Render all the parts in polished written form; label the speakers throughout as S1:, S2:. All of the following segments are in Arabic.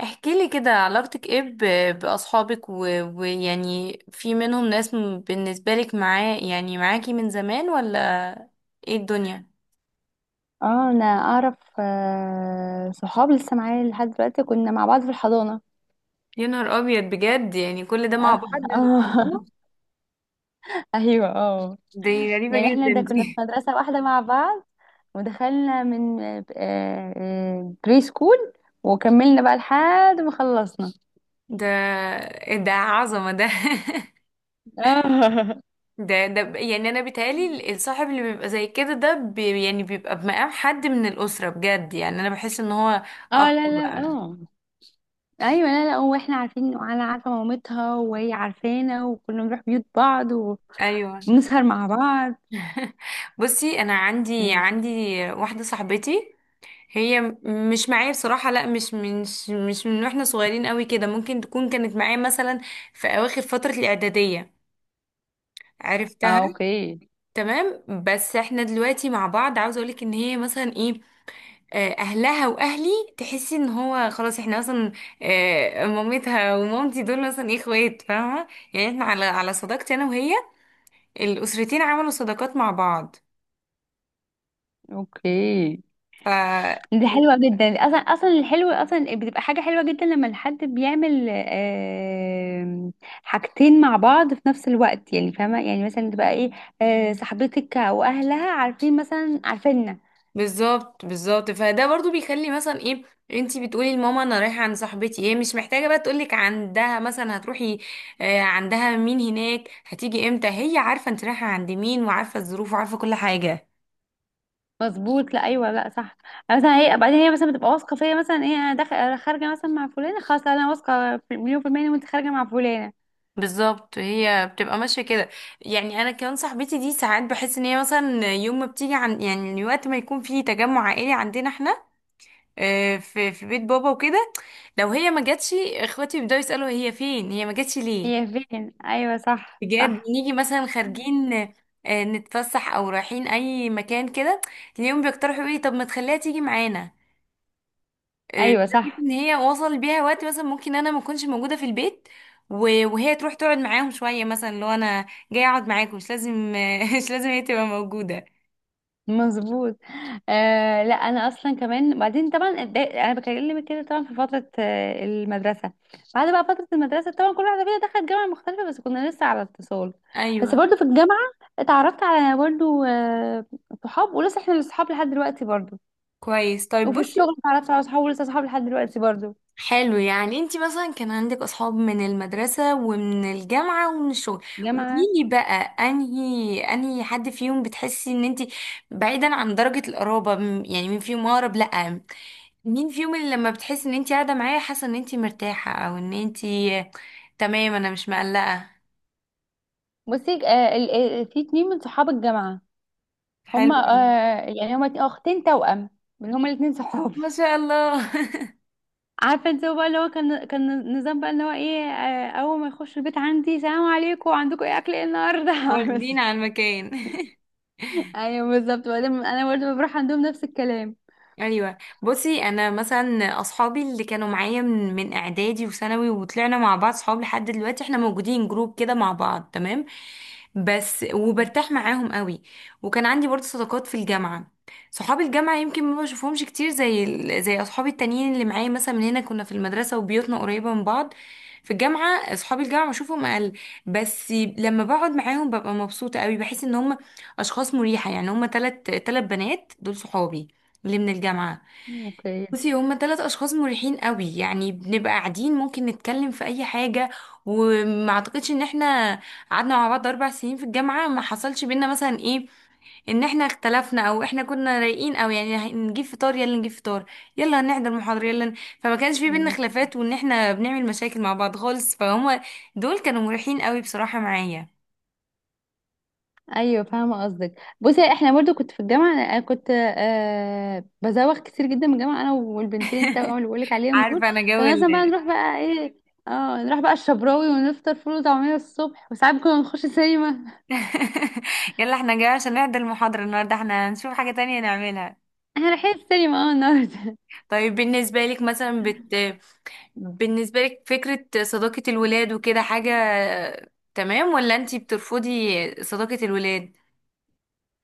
S1: احكي لي كده، علاقتك ايه بأصحابك ويعني في منهم ناس بالنسبة لك معاه يعني معاكي من زمان ولا ايه الدنيا؟
S2: اه انا اعرف صحاب لسه معايا لحد دلوقتي، كنا مع بعض في الحضانة.
S1: يا نهار ابيض، بجد يعني كل ده مع
S2: اه.
S1: بعض؟
S2: اه.
S1: الله،
S2: ايوه، اه.
S1: دي غريبة
S2: يعني احنا
S1: جدا
S2: ده كنا في
S1: دي.
S2: مدرسة واحدة مع بعض، ودخلنا من بري سكول، وكملنا بقى لحد ما خلصنا.
S1: ده، إيه ده، عظمة ده.
S2: اه.
S1: يعني انا بيتهيألي الصاحب اللي بيبقى زي كده ده يعني بيبقى بمقام حد من الأسرة، بجد يعني انا بحس ان هو اخ
S2: اه، لا لا،
S1: بقى.
S2: اه. ايوه، لا لا، واحنا عارفين، انا عارفه مامتها وهي عارفانا، وكنا بنروح بيوت بعض
S1: ايوه.
S2: وبنسهر مع بعض.
S1: بصي، انا عندي واحده صاحبتي، هي مش معايا بصراحة. لا مش من مش مش من واحنا صغيرين قوي كده، ممكن تكون كانت معايا مثلا في أواخر فترة الإعدادية عرفتها.
S2: اه. اوكي.
S1: تمام، بس احنا دلوقتي مع بعض. عاوزة اقولك ان هي مثلا ايه، اهلها واهلي، تحسي ان هو خلاص احنا مثلا مامتها ومامتي دول مثلا ايه، اخوات، فاهمة؟ يعني احنا على صداقتي انا وهي، الاسرتين عملوا صداقات مع بعض.
S2: اوكي، دي
S1: ف،
S2: حلوة جدا. اصلا اصلا الحلو اصلا بتبقى حاجة حلوة جدا لما الحد بيعمل حاجتين مع بعض في نفس الوقت، يعني فاهمة، يعني مثلا تبقى ايه، صاحبتك او اهلها عارفين مثلا عارفيننا.
S1: بالظبط بالظبط، فده برضو بيخلي مثلا ايه، انتي بتقولي لماما انا رايحه عند صاحبتي، هي مش محتاجه بقى تقولك عندها مثلا هتروحي عندها مين هناك، هتيجي امتى، هي عارفه انت رايحه عند مين وعارفه الظروف وعارفه كل حاجه.
S2: مظبوط، لا ايوه، لا صح. مثلا هي بعدين، هي مثلا بتبقى واثقة فيا، مثلا ايه، انا داخل خارجة مثلا مع فلانة، خلاص. لا، انا واثقة مليون في المية إن وانت خارجة مع فلانة.
S1: بالظبط، هي بتبقى ماشيه كده. يعني انا كمان صاحبتي دي ساعات بحس ان هي مثلا يوم ما بتيجي، عن يعني وقت ما يكون في تجمع عائلي عندنا احنا في بيت بابا وكده، لو هي ما جاتش اخواتي بيبداوا يسالوا هي فين، هي ما جاتش ليه.
S2: هي فين؟ ايوه، صح
S1: بجد،
S2: صح.
S1: بنيجي مثلا خارجين نتفسح او رايحين اي مكان كده، تلاقيهم بيقترحوا ايه، طب ما تخليها تيجي معانا.
S2: ايوه،
S1: لدرجة
S2: صح.
S1: ان هي وصل بيها وقت مثلا ممكن انا ما اكونش موجوده في البيت وهي تروح تقعد معاهم شويه، مثلا لو انا جايه اقعد معاكم مش لازم مش لازم هي تبقى موجوده.
S2: مظبوط. آه، لا، انا اصلا كمان بعدين طبعا انا بكلمك كده، طبعا في فتره المدرسه، بعد بقى فتره المدرسه طبعا كل واحده فينا دخلت جامعه مختلفه، بس كنا لسه على اتصال. بس
S1: ايوه،
S2: برضو في الجامعه اتعرفت على برضو صحاب، ولسه احنا اصحاب لحد دلوقتي برضو.
S1: كويس. طيب
S2: وفي
S1: بصي،
S2: الشغل اتعرفت على صحاب، ولسه صحاب لحد دلوقتي برضو.
S1: حلو يعني انت مثلا كان عندك اصحاب من المدرسة ومن الجامعة ومن الشغل.
S2: جامعه.
S1: قوليلي بقى، انهي حد فيهم بتحسي ان انت، بعيدا عن درجة القرابة، يعني مين فيهم اقرب؟ لا، مين فيهم اللي لما بتحسي ان انت قاعدة معاه، حاسة ان انت مرتاحة او ان انت تمام، انا مش مقلقة؟
S2: بصي آه، في اتنين من صحاب الجامعه.
S1: حلو،
S2: هما
S1: حلوة أوي.
S2: آه، يعني هما اختين توأم، هما الاتنين صحاب.
S1: ما شاء الله.
S2: عارفه انت، هو بقى اللي هو كان نظام بقى اللي هو ايه، اول ما يخش البيت عندي، سلام عليكم، عندكم ايه اكل ايه النهارده. بس.
S1: واخدين على المكان.
S2: ايوه، بالظبط. وبعدين انا برضه بروح عندهم نفس الكلام.
S1: ايوه، بصي، انا مثلا اصحابي اللي كانوا معايا من اعدادي وثانوي وطلعنا مع بعض صحاب لحد دلوقتي، احنا موجودين جروب كده مع بعض، تمام؟ بس وبرتاح معاهم قوي. وكان عندي برضه صداقات في الجامعه، صحاب الجامعه يمكن ما بشوفهمش كتير زي زي اصحابي التانيين اللي معايا مثلا من هنا، كنا في المدرسه وبيوتنا قريبه من بعض. في الجامعه اصحاب الجامعه بشوفهم اقل، بس لما بقعد معاهم ببقى مبسوطه قوي، بحس ان هم اشخاص مريحه. يعني هم تلت بنات دول صحابي اللي من الجامعة.
S2: اوكي،
S1: بصي، هما 3 أشخاص مريحين قوي، يعني بنبقى قاعدين ممكن نتكلم في أي حاجة. وما أعتقدش إن إحنا قعدنا مع بعض 4 سنين في الجامعة ما حصلش بينا مثلا إيه، إن إحنا اختلفنا، أو إحنا كنا رايقين أو يعني هنجيب فطار، يلا نجيب فطار، يلا هنحضر محاضرة، يلا فما كانش في بينا
S2: ماشي.
S1: خلافات وإن إحنا بنعمل مشاكل مع بعض خالص. فهما دول كانوا مريحين قوي بصراحة معايا.
S2: ايوه، فاهمه قصدك. بصي احنا برضو، كنت في الجامعه، انا كنت بزوغ كتير جدا من الجامعه، انا والبنتين التوأم اللي بقولك عليهم دول.
S1: عارفة أنا جو
S2: كنا
S1: ال...
S2: مثلا بقى نروح بقى ايه، اه نروح بقى الشبراوي ونفطر فول وطعميه الصبح، وساعات كنا نخش سينما.
S1: يلا إحنا جايين عشان نحضر المحاضرة النهاردة، إحنا هنشوف حاجة تانية نعملها.
S2: احنا رايحين السينما اه النهارده.
S1: طيب، بالنسبة لك مثلا بالنسبة لك فكرة صداقة الولاد وكده، حاجة تمام ولا انتي بترفضي صداقة الولاد؟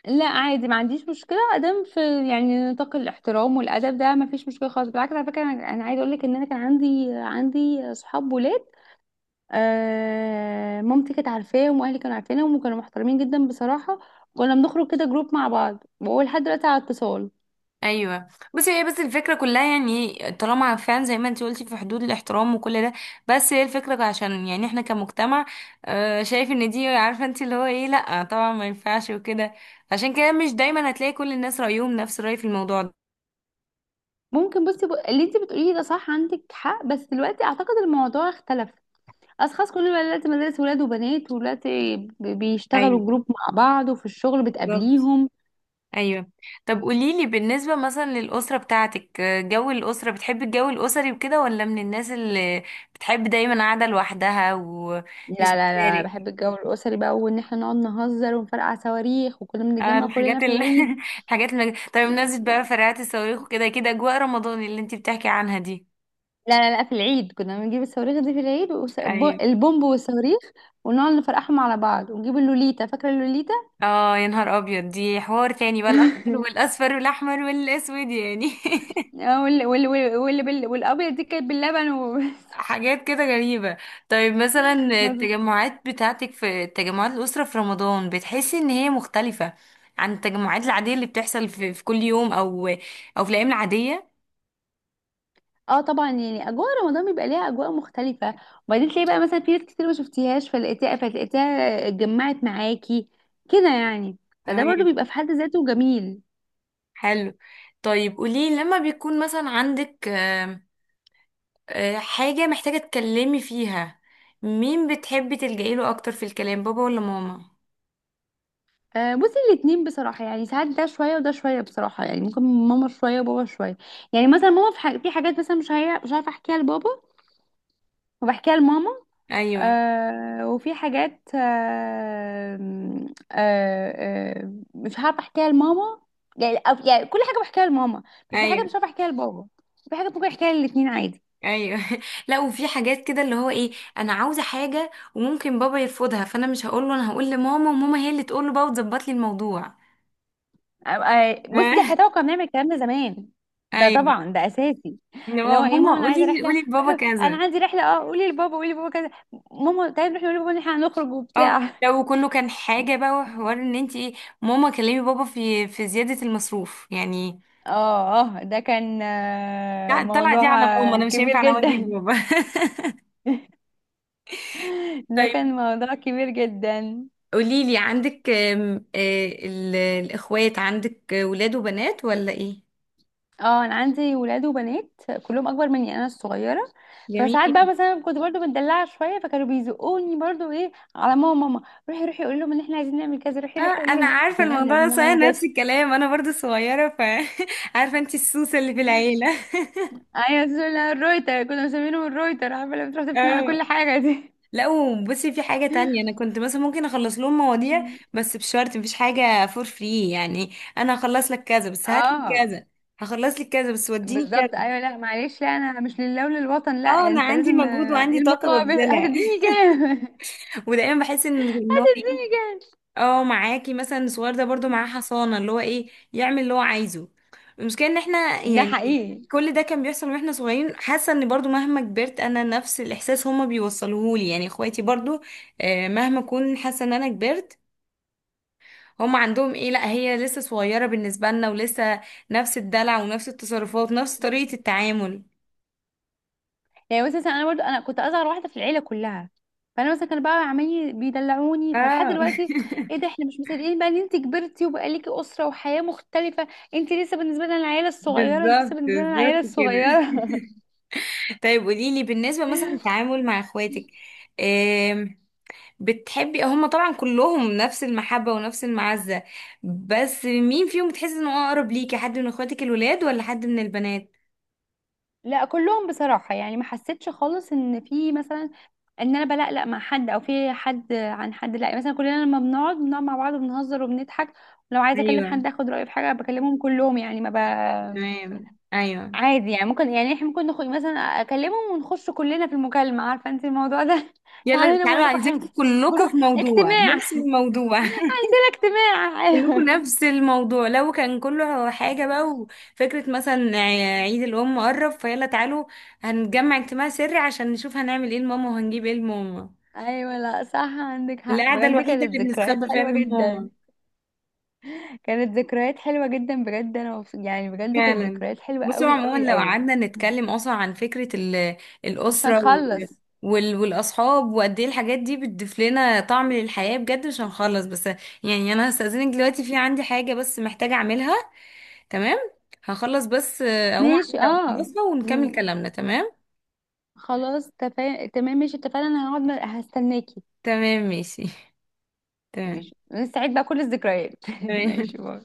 S2: لا، عادي، ما عنديش مشكله ادام في يعني نطاق الاحترام والادب، ده ما فيش مشكله خالص، بالعكس. على فكره انا، أنا عايزه اقول لك ان انا كان عندي صحاب ولاد. مامتي كانت عارفاهم، واهلي كانوا عارفينهم، وكانوا محترمين جدا بصراحه. كنا بنخرج كده جروب مع بعض، وهو لحد دلوقتي على اتصال.
S1: ايوه. بس الفكرة كلها، يعني طالما فعلا زي ما انتي قلتي في حدود الاحترام وكل ده، بس هي الفكرة عشان يعني احنا كمجتمع شايف ان دي، عارفة انتي اللي هو ايه، لأ طبعا ما ينفعش وكده. عشان كده مش دايما هتلاقي كل الناس رأيهم نفس الرأي في الموضوع.
S2: ممكن، بصي، اللي انت بتقوليه ده صح، عندك حق، بس دلوقتي اعتقد الموضوع اختلف. اشخاص، كل بقى دلوقتي مدارس ولاد وبنات، ودلوقتي
S1: ايوه،
S2: بيشتغلوا جروب مع بعض، وفي الشغل
S1: بالظبط،
S2: بتقابليهم.
S1: ايوه. طب قوليلي بالنسبة مثلا للأسرة بتاعتك، جو الأسرة، بتحبي الجو الأسري وكده ولا من الناس اللي بتحب دايما قاعدة لوحدها
S2: لا
S1: ومش
S2: لا لا،
S1: بتشارك؟
S2: بحب الجو الأسري بقى، وإن احنا نقعد نهزر ونفرقع صواريخ، وكنا
S1: اه
S2: بنتجمع كلنا
S1: الحاجات
S2: في العيد.
S1: الحاجات طب بمناسبة بقى فرقعات الصواريخ وكده كده، أجواء رمضان اللي انتي بتحكي عنها دي.
S2: لا لا لا، في العيد كنا بنجيب الصواريخ دي في العيد،
S1: ايوه.
S2: البومب والصواريخ، ونقعد نفرقعهم على بعض، ونجيب اللوليتا. فاكرة اللوليتا؟
S1: اه يا نهار أبيض، دي حوار تاني بقى، الأخضر والأصفر والأحمر والأسود يعني.
S2: اه، والأبيض دي كانت باللبن وبس.
S1: حاجات كده غريبة. طيب، مثلا
S2: مظبوط.
S1: التجمعات بتاعتك في تجمعات الأسرة في رمضان، بتحسي ان هي مختلفة عن التجمعات العادية اللي بتحصل في كل يوم او او في الأيام العادية؟
S2: اه طبعا، يعني اجواء رمضان بيبقى ليها اجواء مختلفه، وبعدين تلاقي بقى مثلا في ناس كتير ما شفتيهاش فلقيتيها فتلاقيتيها اتجمعت معاكي كده يعني، فده
S1: تمام.
S2: برضو بيبقى في حد ذاته جميل.
S1: حلو. طيب قولي، لما بيكون مثلا عندك آم، آه، حاجة محتاجة تكلمي فيها، مين بتحبي تلجئي له اكتر في الكلام، بابا ولا ماما؟
S2: بصي الاتنين بصراحة، يعني ساعات ده شوية وده شوية بصراحة، يعني ممكن ماما شوية وبابا شوية. يعني مثلا ماما في, في حاجات مثلا مش عارفة احكيها لبابا، وبحكيها لماما.
S1: ايوه.
S2: وفي حاجات آه مش عارفة احكيها لماما، يعني يعني كل حاجة بحكيها لماما، بس في حاجة
S1: ايوه.
S2: مش عارفة احكيها لبابا. في حاجة ممكن احكيها للاتنين عادي.
S1: ايوه. لا وفي حاجات كده اللي هو ايه، انا عاوزه حاجه وممكن بابا يرفضها، فانا مش هقول له، انا هقول لماما وماما هي اللي تقول له بقى وتظبط لي الموضوع.
S2: آه، بصي دي حياتي، كنا بنعمل الكلام ده زمان. ده
S1: ايوه،
S2: طبعا ده اساسي.
S1: اللي
S2: اللي
S1: هو
S2: هو ايه
S1: ماما
S2: ماما، انا عايزه
S1: قولي
S2: رحله.
S1: قولي لبابا
S2: انا
S1: كذا.
S2: عندي رحله، اه قولي لبابا، قولي لبابا كذا. ماما، طيب، نروح نقول لبابا ان احنا هنخرج
S1: اه.
S2: وبتاع.
S1: لو كله كان حاجه بقى وحوار ان انت ايه، ماما كلمي بابا في زياده المصروف يعني.
S2: اه. اه، ده كان
S1: لا، طلع دي
S2: موضوع
S1: على ماما، انا مش
S2: كبير
S1: هينفع انا اواجه
S2: جدا.
S1: بابا.
S2: ده كان
S1: طيب
S2: موضوع كبير جدا.
S1: قولي لي، عندك الاخوات، عندك ولاد وبنات ولا ايه؟
S2: اه انا عندي ولاد وبنات، كلهم اكبر مني، انا الصغيره. فساعات بقى
S1: جميل.
S2: مثلا كنت برضو مدلعه شويه، فكانوا بيزقوني برضو ايه، على ماما، ماما روحي روحي قولي لهم ان احنا عايزين نعمل كذا، روحي
S1: اه
S2: روحي قولي
S1: انا
S2: لهم
S1: عارفه
S2: ان احنا
S1: الموضوع ده
S2: عايزين
S1: صحيح،
S2: نعمل كذا.
S1: نفس الكلام، انا برضو صغيره، ف عارفه انت السوسه اللي في العيله.
S2: ايوه سولا الرويتر، كنا مسمينهم الرويتر، عارفه، لما تروح تفتن على كل
S1: اه.
S2: حاجه دي.
S1: لا وبصي، في حاجه تانية انا كنت مثلا ممكن اخلص لهم مواضيع، بس بشرط مفيش حاجه فور فري يعني. انا هخلص لك كذا بس هات لي
S2: اه.
S1: كذا، هخلص لك كذا بس وديني
S2: بالظبط،
S1: كذا.
S2: ايوه، لا معلش، لا انا مش لله وللوطن. لا،
S1: اه، انا
S2: انت
S1: عندي
S2: لازم
S1: مجهود
S2: إيه
S1: وعندي طاقه
S2: المقابل؟
S1: ببذلها.
S2: هتديني كام؟
S1: ودايما بحس ان إن هو إيه؟
S2: هتديني كام؟
S1: اه، معاكي مثلا الصغير ده برضو معاه حصانة اللي هو ايه، يعمل اللي هو عايزه. المشكلة ان احنا
S2: ده
S1: يعني
S2: حقيقي.
S1: كل ده كان بيحصل واحنا صغيرين، حاسة ان برضو مهما كبرت انا، نفس الاحساس هما بيوصلوهولي، يعني اخواتي برضو مهما اكون حاسة ان انا كبرت، هما عندهم ايه، لا هي لسه صغيرة بالنسبة لنا، ولسه نفس الدلع ونفس التصرفات ونفس طريقة التعامل.
S2: يعني مثلا انا برضو، انا كنت اصغر واحده في العيله كلها، فانا مثلا كانوا بقى عمالين بيدلعوني، فلحد
S1: اه.
S2: دلوقتي ايه ده، احنا مش مصدقين بقى ان انت كبرتي وبقى ليكي اسره وحياه مختلفه. انت لسه بالنسبه لنا العيله الصغيره، انت لسه
S1: بالظبط
S2: بالنسبه لنا العيله
S1: بالظبط كده.
S2: الصغيره.
S1: طيب قوليلي، بالنسبة مثلا التعامل مع اخواتك، بتحبي، هما طبعا كلهم نفس المحبة ونفس المعزة، بس مين فيهم بتحسي انه اقرب ليكي، حد من اخواتك الولاد ولا حد من البنات؟
S2: لا كلهم بصراحه، يعني ما حسيتش خالص ان في مثلا، ان انا بلقلق مع حد او في حد عن حد، لا مثلا كلنا لما بنقعد مع بعض وبنهزر وبنضحك، ولو عايزه اكلم
S1: ايوه.
S2: حد اخد رايه في حاجه بكلمهم كلهم، يعني ما ب...
S1: تمام. ايوه.
S2: عادي يعني، ممكن يعني احنا ممكن مثلا اكلمهم ونخش كلنا في المكالمه، عارفه انت الموضوع ده.
S1: يلا
S2: تعالوا هنا
S1: تعالوا
S2: اقول لكم
S1: عايزين
S2: حاجه،
S1: كلكم
S2: جروب،
S1: في موضوع،
S2: اجتماع.
S1: نفس الموضوع.
S2: اجتماع،
S1: كلكم
S2: ايوه.
S1: نفس الموضوع. لو كان كله حاجة بقى، وفكرة مثلا عيد الأم قرب، فيلا تعالوا هنجمع اجتماع سري عشان نشوف هنعمل ايه لماما وهنجيب ايه لماما.
S2: ايوه، لا صح، عندك حق
S1: القعدة
S2: بجد،
S1: الوحيدة اللي
S2: كانت ذكريات
S1: بنستخبى فيها
S2: حلوه
S1: من ماما.
S2: جدا. كانت ذكريات حلوه جدا بجد، انا يعني بجد كانت
S1: فعلا.
S2: ذكريات حلوه
S1: بصوا
S2: قوي
S1: عموما
S2: قوي
S1: لو
S2: قوي.
S1: قعدنا نتكلم اصلا عن فكرة
S2: مش
S1: الأسرة
S2: هنخلص.
S1: والأصحاب، وقد ايه الحاجات دي بتضيف لنا طعم للحياة، بجد مش هنخلص. بس يعني انا هستأذنك دلوقتي، في عندي حاجة بس محتاجة اعملها. تمام. هخلص بس اقوم
S2: ماشي،
S1: اعملها
S2: اه.
S1: ونكمل
S2: مم.
S1: كلامنا، تمام؟
S2: خلاص، تمام ماشي، اتفقنا. انا هقعد، هستناكي.
S1: تمام، ماشي. تمام.
S2: ماشي، نستعيد بقى كل الذكريات.
S1: تمام.
S2: ماشي، باي.